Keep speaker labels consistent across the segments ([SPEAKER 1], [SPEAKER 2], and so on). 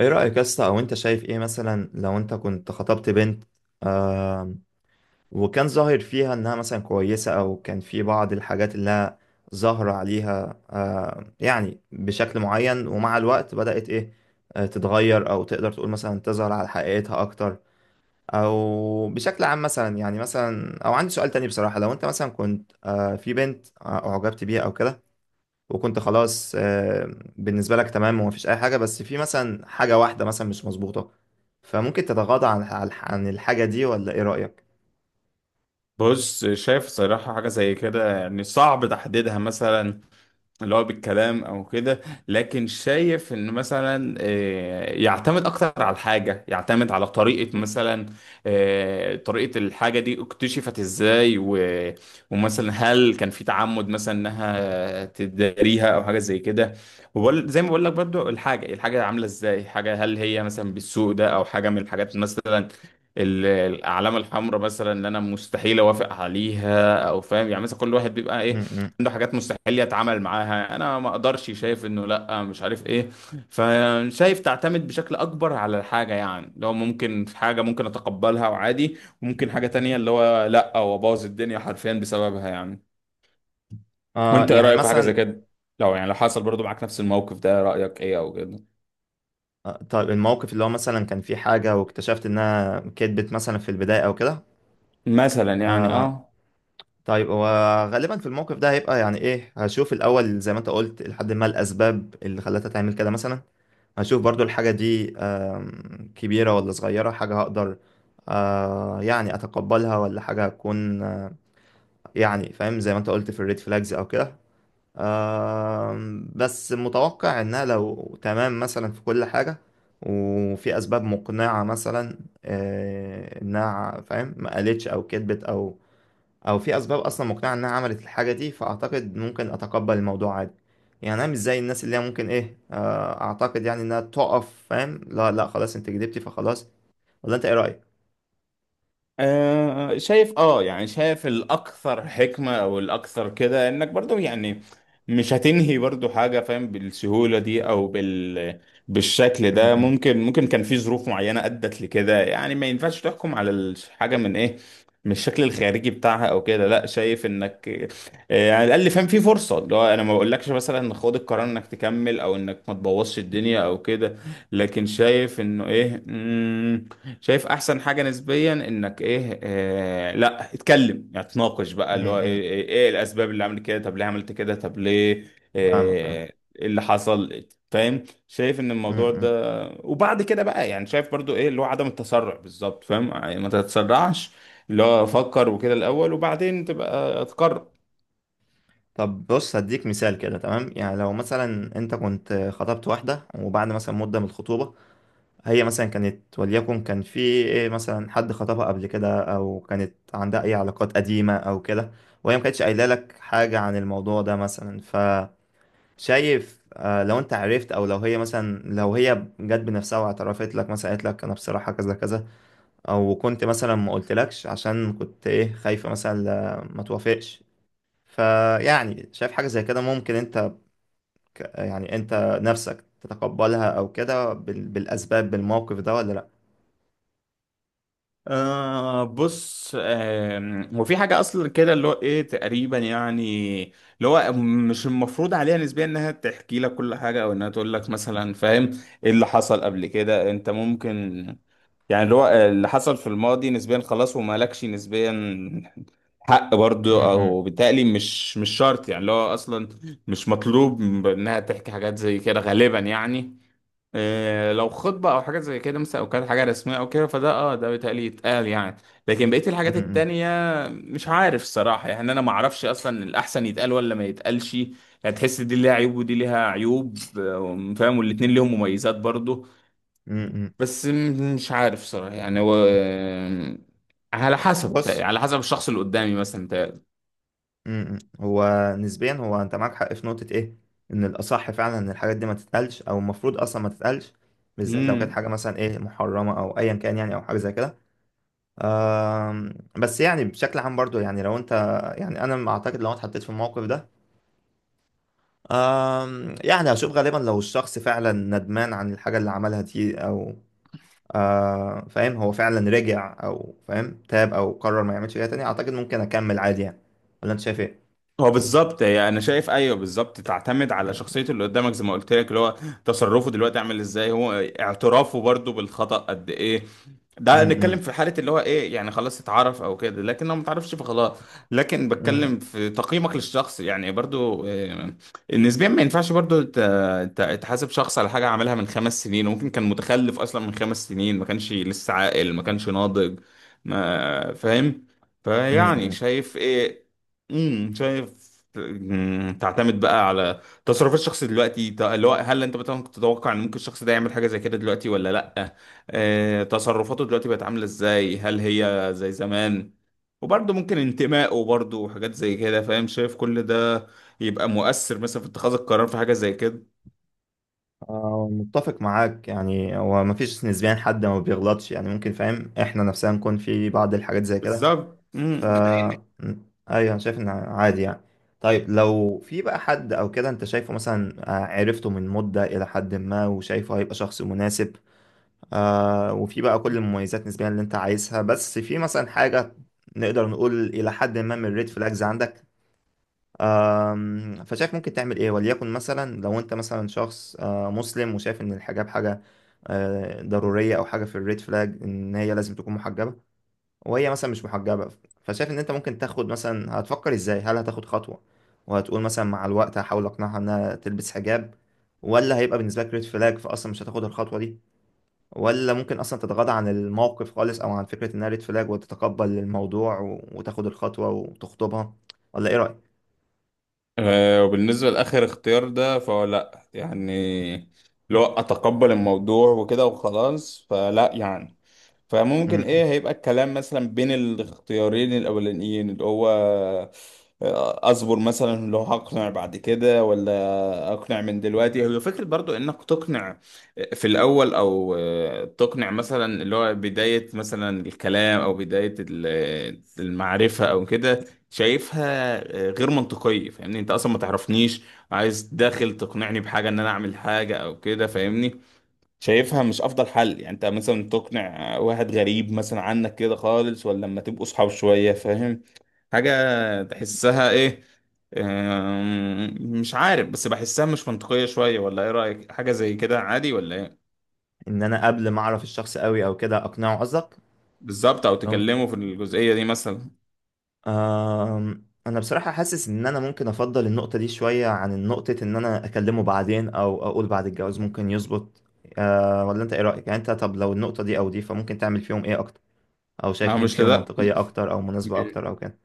[SPEAKER 1] ايه رأيك يا اسطى؟ او انت شايف ايه مثلا لو انت كنت خطبت بنت، آم، وكان ظاهر فيها انها مثلا كويسة او كان في بعض الحاجات اللي هي ظاهرة عليها، يعني بشكل معين، ومع الوقت بدأت ايه تتغير او تقدر تقول مثلا تظهر على حقيقتها اكتر، او بشكل عام مثلا. يعني مثلا، او عندي سؤال تاني بصراحة. لو انت مثلا كنت في بنت اعجبت بيها او كده، وكنت خلاص بالنسبة لك تمام، ومفيش أي حاجة، بس في مثلا حاجة واحدة مثلا مش مظبوطة، فممكن تتغاضى عن الحاجة دي؟ ولا إيه رأيك؟
[SPEAKER 2] بص، شايف صراحة حاجة زي كده يعني صعب تحديدها مثلا، اللي هو بالكلام أو كده. لكن شايف إن مثلا يعتمد أكتر على الحاجة، يعتمد على طريقة مثلا، طريقة الحاجة دي اكتشفت إزاي ومثلا هل كان في تعمد مثلا إنها تداريها أو حاجة زي كده. زي ما بقول لك برضو الحاجة عاملة إزاي، حاجة هل هي مثلا بالسوق ده أو حاجة من الحاجات مثلا، الاعلام الحمراء مثلا، ان انا مستحيل اوافق عليها او فاهم. يعني مثلا كل واحد بيبقى ايه
[SPEAKER 1] م-م.
[SPEAKER 2] عنده حاجات مستحيل يتعامل معاها، انا ما اقدرش، شايف انه لا مش عارف ايه. فشايف تعتمد بشكل اكبر على الحاجه، يعني لو ممكن في حاجه ممكن اتقبلها وعادي، وممكن حاجه تانية اللي هو لا هو باظ الدنيا حرفيا بسببها يعني.
[SPEAKER 1] آه،
[SPEAKER 2] وانت ايه
[SPEAKER 1] يعني
[SPEAKER 2] رايك في حاجه زي
[SPEAKER 1] مثلا.
[SPEAKER 2] كده؟ لو يعني لو حصل برضو معاك نفس الموقف ده رايك ايه او كده.
[SPEAKER 1] طيب الموقف اللي هو مثلا كان في حاجة واكتشفت إنها كدبت مثلا في البداية أو كده.
[SPEAKER 2] مثلا يعني
[SPEAKER 1] آه
[SPEAKER 2] اه.
[SPEAKER 1] طيب، هو غالبا في الموقف ده هيبقى يعني إيه، هشوف الأول زي ما أنت قلت لحد ما الأسباب اللي خلتها تعمل كده مثلا. هشوف برضو الحاجة دي كبيرة ولا صغيرة، حاجة هقدر يعني أتقبلها، ولا حاجة هتكون يعني فاهم زي ما أنت قلت في الريد فلاجز أو كده. بس متوقع إنها لو تمام مثلا في كل حاجة، وفي أسباب مقنعة مثلا، إنها فاهم ما قالتش أو كدبت، أو في اسباب اصلا مقنعه انها عملت الحاجه دي، فاعتقد ممكن اتقبل الموضوع عادي. يعني انا مش زي الناس اللي هي ممكن ايه، اعتقد يعني انها تقف فاهم، لا لا خلاص انت كدبتي فخلاص. ولا انت ايه رايك؟
[SPEAKER 2] شايف اه يعني شايف الاكثر حكمة او الاكثر كده انك برضو يعني مش هتنهي برضو حاجة فاهم بالسهولة دي او بالشكل ده.
[SPEAKER 1] امم.
[SPEAKER 2] ممكن كان في ظروف معينة ادت لكده، يعني ما ينفعش تحكم على الحاجة من ايه، من الشكل الخارجي بتاعها او كده، لا شايف انك يعني على الاقل فاهم في فرصة اللي هو انا ما بقولكش مثلا خد القرار انك تكمل او انك ما تبوظش الدنيا او كده. لكن شايف انه ايه، شايف احسن حاجه نسبيا انك ايه لا اتكلم، يعني تناقش بقى اللي هو ايه,
[SPEAKER 1] امم.
[SPEAKER 2] ايه, ايه الاسباب اللي عملت كده، طب ليه عملت كده، طب ليه؟
[SPEAKER 1] فاهمك، فاهم.
[SPEAKER 2] آه. ايه اللي حصل فاهم. شايف ان الموضوع
[SPEAKER 1] امم.
[SPEAKER 2] ده وبعد كده بقى يعني، شايف برضو ايه اللي هو عدم التسرع بالظبط، فاهم يعني ما تتسرعش، اللي هو فكر وكده الاول وبعدين تبقى تقرر.
[SPEAKER 1] طب بص، هديك مثال كده. تمام، يعني لو مثلا انت كنت خطبت واحده، وبعد مثلا مده من الخطوبه هي مثلا كانت، وليكن كان في إيه مثلا حد خطبها قبل كده، او كانت عندها اي علاقات قديمة او كده، وهي ما كانتش قايله لك حاجة عن الموضوع ده مثلا. فشايف لو انت عرفت، او لو هي مثلا لو هي جت بنفسها واعترفت لك، مثلا قالت لك انا بصراحة كذا كذا، او كنت مثلا ما قلتلكش عشان كنت ايه خايفة مثلا ما توافقش. فيعني شايف حاجة زي كده ممكن انت يعني انت نفسك تتقبلها او كده بالاسباب بالموقف ده، ولا لا؟
[SPEAKER 2] آه بص وفي حاجة أصلا كده اللي هو إيه تقريبا يعني، اللي هو مش المفروض عليها نسبيا إنها تحكي لك كل حاجة أو إنها تقول لك مثلا فاهم إيه اللي حصل قبل كده. أنت ممكن يعني اللي هو اللي حصل في الماضي نسبيا خلاص، ومالكش نسبيا حق
[SPEAKER 1] م-
[SPEAKER 2] برضه،
[SPEAKER 1] م.
[SPEAKER 2] او بالتالي مش شرط يعني اللي هو اصلا مش مطلوب انها تحكي حاجات زي كده غالبا يعني. إيه، لو خطبة أو حاجات زي كده مثلا أو كانت حاجة رسمية أو كده، فده أه ده بيتهيألي يتقال يعني. لكن بقية الحاجات
[SPEAKER 1] امم.
[SPEAKER 2] التانية مش عارف الصراحة، يعني أنا ما أعرفش أصلا الأحسن يتقال ولا ما يتقالش، يعني تحس دي ليها عيوب ودي ليها عيوب فاهم، والاتنين ليهم مميزات برضو.
[SPEAKER 1] امم.
[SPEAKER 2] بس مش عارف صراحة يعني هو على حسب
[SPEAKER 1] بص.
[SPEAKER 2] بتهيألي، على حسب الشخص اللي قدامي مثلا.
[SPEAKER 1] امم، هو نسبيا، هو انت معاك حق في نقطة ايه، ان الاصح فعلا ان الحاجات دي ما تتقالش، او المفروض اصلا ما تتقالش، بالذات لو كانت
[SPEAKER 2] امم،
[SPEAKER 1] حاجة مثلا ايه محرمة او ايا كان يعني، او حاجة زي كده. بس يعني بشكل عام برضو، يعني لو انت يعني انا اعتقد لو اتحطيت في الموقف ده، يعني هشوف غالبا لو الشخص فعلا ندمان عن الحاجة اللي عملها دي، او فاهم هو فعلا رجع او فاهم تاب او قرر ما يعملش كده تاني، اعتقد ممكن اكمل عادي يعني. ولا انت شايف ايه؟
[SPEAKER 2] هو بالظبط يعني انا شايف، ايوه بالظبط تعتمد على شخصيه اللي قدامك زي ما قلت لك اللي هو تصرفه دلوقتي عامل ازاي، هو اعترافه برضو بالخطأ قد ايه. ده نتكلم
[SPEAKER 1] امم.
[SPEAKER 2] في حاله اللي هو ايه يعني خلاص اتعرف او كده، لكن لو ما تعرفش فخلاص. لكن بتكلم
[SPEAKER 1] امم.
[SPEAKER 2] في تقييمك للشخص يعني برضو إيه، نسبيا ما ينفعش برضو تحاسب شخص على حاجه عملها من 5 سنين، وممكن كان متخلف اصلا من 5 سنين، ما كانش لسه عاقل ما كانش ناضج ما فاهم. فيعني شايف ايه، شايف تعتمد بقى على تصرف الشخص دلوقتي. اللي هو هل انت مثلا كنت تتوقع ان ممكن الشخص ده يعمل حاجه زي كده دلوقتي ولا لا؟ تصرفاته دلوقتي بقت عامله ازاي، هل هي زي زمان؟ وبرضه ممكن انتمائه برضه وحاجات زي كده، فاهم؟ شايف كل ده يبقى مؤثر مثلا في اتخاذ القرار في حاجه زي كده.
[SPEAKER 1] آه، متفق معاك يعني، هو ما فيش نسبيا حد ما بيغلطش يعني، ممكن فاهم احنا نفسنا نكون في بعض الحاجات زي كده.
[SPEAKER 2] بالظبط.
[SPEAKER 1] ف مم، ايوه، انا شايف ان عادي يعني. طيب لو في بقى حد او كده انت شايفه مثلا عرفته من مدة الى حد ما، وشايفه هيبقى شخص مناسب، وفي بقى كل المميزات نسبيا اللي انت عايزها، بس في مثلا حاجة نقدر نقول إلى حد ما من الريد فلاجز عندك، فشايف ممكن تعمل إيه؟ وليكن مثلا لو أنت مثلا شخص مسلم، وشايف إن الحجاب حاجة ضرورية، أو حاجة في الريد فلاج إن هي لازم تكون محجبة، وهي مثلا مش محجبة، فشايف إن أنت ممكن تاخد مثلا، هتفكر إزاي؟ هل هتاخد خطوة وهتقول مثلا مع الوقت هحاول أقنعها إنها تلبس حجاب، ولا هيبقى بالنسبة لك ريد فلاج فأصلا مش هتاخد الخطوة دي، ولا ممكن اصلا تتغاضى عن الموقف خالص، او عن فكرة انها ريد فلاج، وتتقبل الموضوع و- وتاخد الخطوة وتخطبها؟ ولا ايه رأيك؟
[SPEAKER 2] وبالنسبة لآخر اختيار ده فهو لأ يعني، لو أتقبل الموضوع وكده وخلاص فلأ يعني. فممكن ايه
[SPEAKER 1] م-م.
[SPEAKER 2] هيبقى الكلام مثلا بين الاختيارين الاولانيين، اللي هو اصبر مثلا اللي هو هقنع بعد كده، ولا اقنع من دلوقتي. هو فكرة برضو انك تقنع في الاول او تقنع مثلا اللي هو بداية مثلا الكلام او بداية المعرفة او كده، شايفها غير منطقية، فاهمني انت اصلا ما تعرفنيش عايز داخل تقنعني بحاجة ان انا اعمل حاجة او كده فاهمني. شايفها مش افضل حل، يعني انت مثلا تقنع واحد غريب مثلا عنك كده خالص ولا لما تبقوا صحاب شوية فاهم حاجة؟ تحسها ايه؟ أم، مش عارف بس بحسها مش منطقية شوية. ولا ايه رأيك، حاجة زي كده عادي ولا ايه؟
[SPEAKER 1] ان انا قبل ما اعرف الشخص قوي او كده اقنعه قصدك؟
[SPEAKER 2] بالظبط، او
[SPEAKER 1] لو-
[SPEAKER 2] تكلموا في الجزئية دي مثلا.
[SPEAKER 1] آم، انا بصراحة حاسس ان انا ممكن افضل النقطة دي شوية عن نقطة ان انا اكلمه بعدين، او اقول بعد الجواز ممكن يظبط. ولا انت ايه رأيك يعني؟ انت طب لو النقطة دي او دي، فممكن تعمل فيهم ايه اكتر؟ او
[SPEAKER 2] اه،
[SPEAKER 1] شايف مين
[SPEAKER 2] مش
[SPEAKER 1] فيهم
[SPEAKER 2] لده.
[SPEAKER 1] منطقية اكتر او مناسبة اكتر او كده؟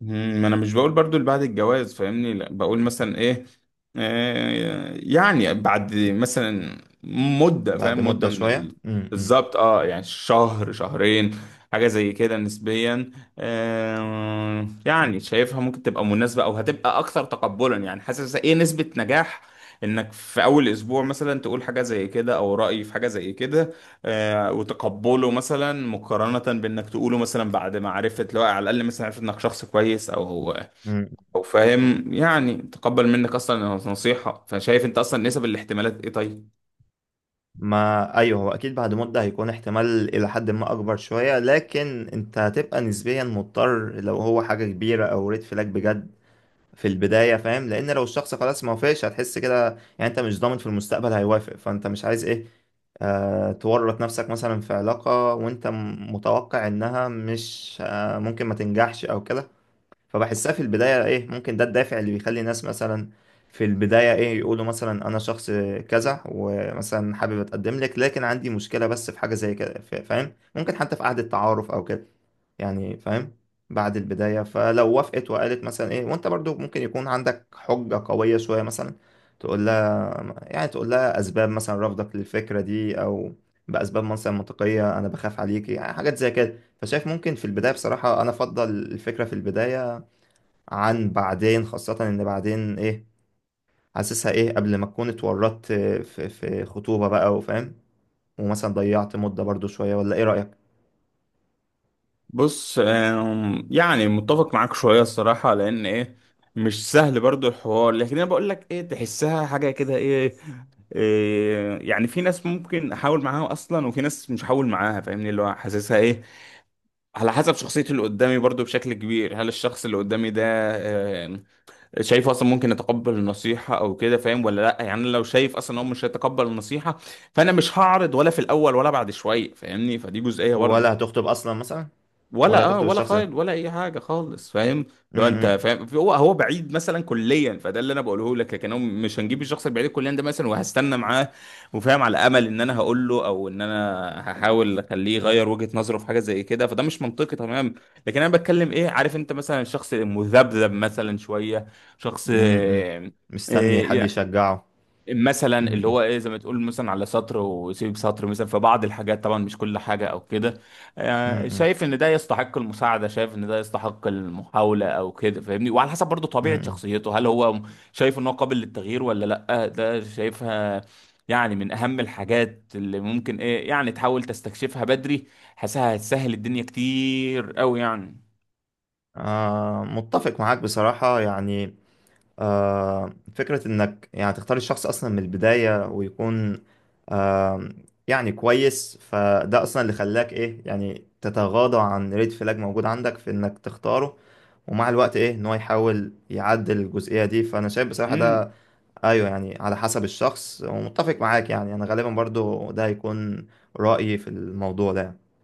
[SPEAKER 2] ما انا مش بقول برضو اللي بعد الجواز فاهمني، لا بقول مثلا ايه يعني بعد مثلا مدة،
[SPEAKER 1] بعد
[SPEAKER 2] فاهم،
[SPEAKER 1] مدة
[SPEAKER 2] مدة من
[SPEAKER 1] شوية.
[SPEAKER 2] ال... بالظبط اه. يعني شهر شهرين حاجة زي كده نسبيا. آه، يعني شايفها ممكن تبقى مناسبة او هتبقى اكثر تقبلا. يعني حاسس ايه نسبة نجاح انك في اول اسبوع مثلا تقول حاجة زي كده او رأي في حاجة زي كده وتقبله، مثلا مقارنة بإنك تقوله مثلا بعد ما عرفت، لو على الأقل مثلا عرفت إنك شخص كويس أو
[SPEAKER 1] م-م.
[SPEAKER 2] أو فاهم يعني تقبل منك أصلا إنه نصيحة. فشايف أنت أصلا نسب الاحتمالات إيه طيب؟
[SPEAKER 1] ما ايوه، هو اكيد بعد مده هيكون احتمال الى حد ما اكبر شويه، لكن انت هتبقى نسبيا مضطر لو هو حاجه كبيره او ريد فلاج بجد في البدايه فاهم، لان لو الشخص خلاص ما وافقش هتحس كده. يعني انت مش ضامن في المستقبل هيوافق، فانت مش عايز ايه تورط نفسك مثلا في علاقه وانت متوقع انها مش ممكن ما تنجحش او كده. فبحسها في البداية ايه، ممكن ده الدافع اللي بيخلي الناس مثلا في البداية ايه يقولوا مثلا انا شخص كذا، ومثلا حابب اتقدم لك، لكن عندي مشكلة بس في حاجة زي كده، فاهم ممكن حتى في قعدة تعارف او كده يعني فاهم بعد البداية. فلو وافقت وقالت مثلا ايه، وانت برضو ممكن يكون عندك حجة قوية شوية مثلا تقول لها، يعني تقول لها اسباب مثلا رفضك للفكرة دي، او باسباب مثلا منطقية، انا بخاف عليكي يعني حاجات زي كده. فشايف ممكن في البداية، بصراحة انا افضل الفكرة في البداية عن بعدين، خاصة ان بعدين ايه، حاسسها ايه قبل ما تكون اتورطت في خطوبة بقى وفاهم، ومثلا ضيعت مدة برضو شوية. ولا ايه رأيك؟
[SPEAKER 2] بص يعني متفق معاك شوية الصراحة، لأن إيه مش سهل برضو الحوار. لكن أنا بقول لك إيه، تحسها حاجة كده، إيه يعني في ناس ممكن احاول معاها اصلا، وفي ناس مش هحاول معاها فاهمني، اللي هو حاسسها ايه على حسب شخصية اللي قدامي برضو بشكل كبير. هل الشخص اللي قدامي ده شايفه أصلا ممكن يتقبل النصيحة أو كده فاهم ولا لأ؟ يعني أنا لو شايف أصلا إن هو مش هيتقبل النصيحة فأنا مش هعرض، ولا في الأول ولا بعد شوية فاهمني، فدي جزئية برضو.
[SPEAKER 1] ولا هتخطب اصلا مثلا؟ ولا
[SPEAKER 2] ولا اه،
[SPEAKER 1] هتخطب
[SPEAKER 2] ولا
[SPEAKER 1] الشخص ده؟
[SPEAKER 2] خال ولا اي حاجه خالص فاهم.
[SPEAKER 1] م-
[SPEAKER 2] لو انت
[SPEAKER 1] م-
[SPEAKER 2] فاهم هو بعيد مثلا كليا فده اللي انا بقوله لك، لكن هو مش هنجيب الشخص البعيد كليا ده مثلا وهستنى معاه وفاهم على امل ان انا هقول له او ان انا هحاول اخليه يغير وجهه نظره في حاجه زي كده، فده مش منطقي تمام. لكن انا بتكلم ايه عارف انت مثلا الشخص المذبذب مثلا شويه، شخص
[SPEAKER 1] م- م. مستني حد
[SPEAKER 2] آه،
[SPEAKER 1] يشجعه.
[SPEAKER 2] مثلا
[SPEAKER 1] م-
[SPEAKER 2] اللي هو
[SPEAKER 1] م-
[SPEAKER 2] ايه زي ما تقول مثلا على سطر ويسيب سطر مثلا في بعض الحاجات طبعا مش كل حاجة او كده.
[SPEAKER 1] م- م-
[SPEAKER 2] شايف ان ده يستحق المساعدة، شايف ان ده يستحق المحاولة او كده فاهمني. وعلى حسب برضو
[SPEAKER 1] م-
[SPEAKER 2] طبيعة
[SPEAKER 1] م.
[SPEAKER 2] شخصيته هل هو شايف ان هو قابل للتغيير ولا لا؟ ده شايفها يعني من اهم الحاجات اللي ممكن ايه يعني تحاول تستكشفها بدري. حاسها هتسهل الدنيا كتير قوي يعني.
[SPEAKER 1] آه، متفق معاك بصراحة يعني. فكرة إنك يعني تختار الشخص أصلا من البداية، ويكون آه، يعني كويس، فده أصلا اللي خلاك إيه، يعني تتغاضى عن ريد فلاج موجود عندك في إنك تختاره، ومع الوقت إيه إن هو يحاول يعدل الجزئية دي، فأنا شايف بصراحة
[SPEAKER 2] امم.
[SPEAKER 1] ده. أيوه، يعني على حسب الشخص. ومتفق معاك، يعني أنا غالبا برضو ده هيكون رأيي في الموضوع ده.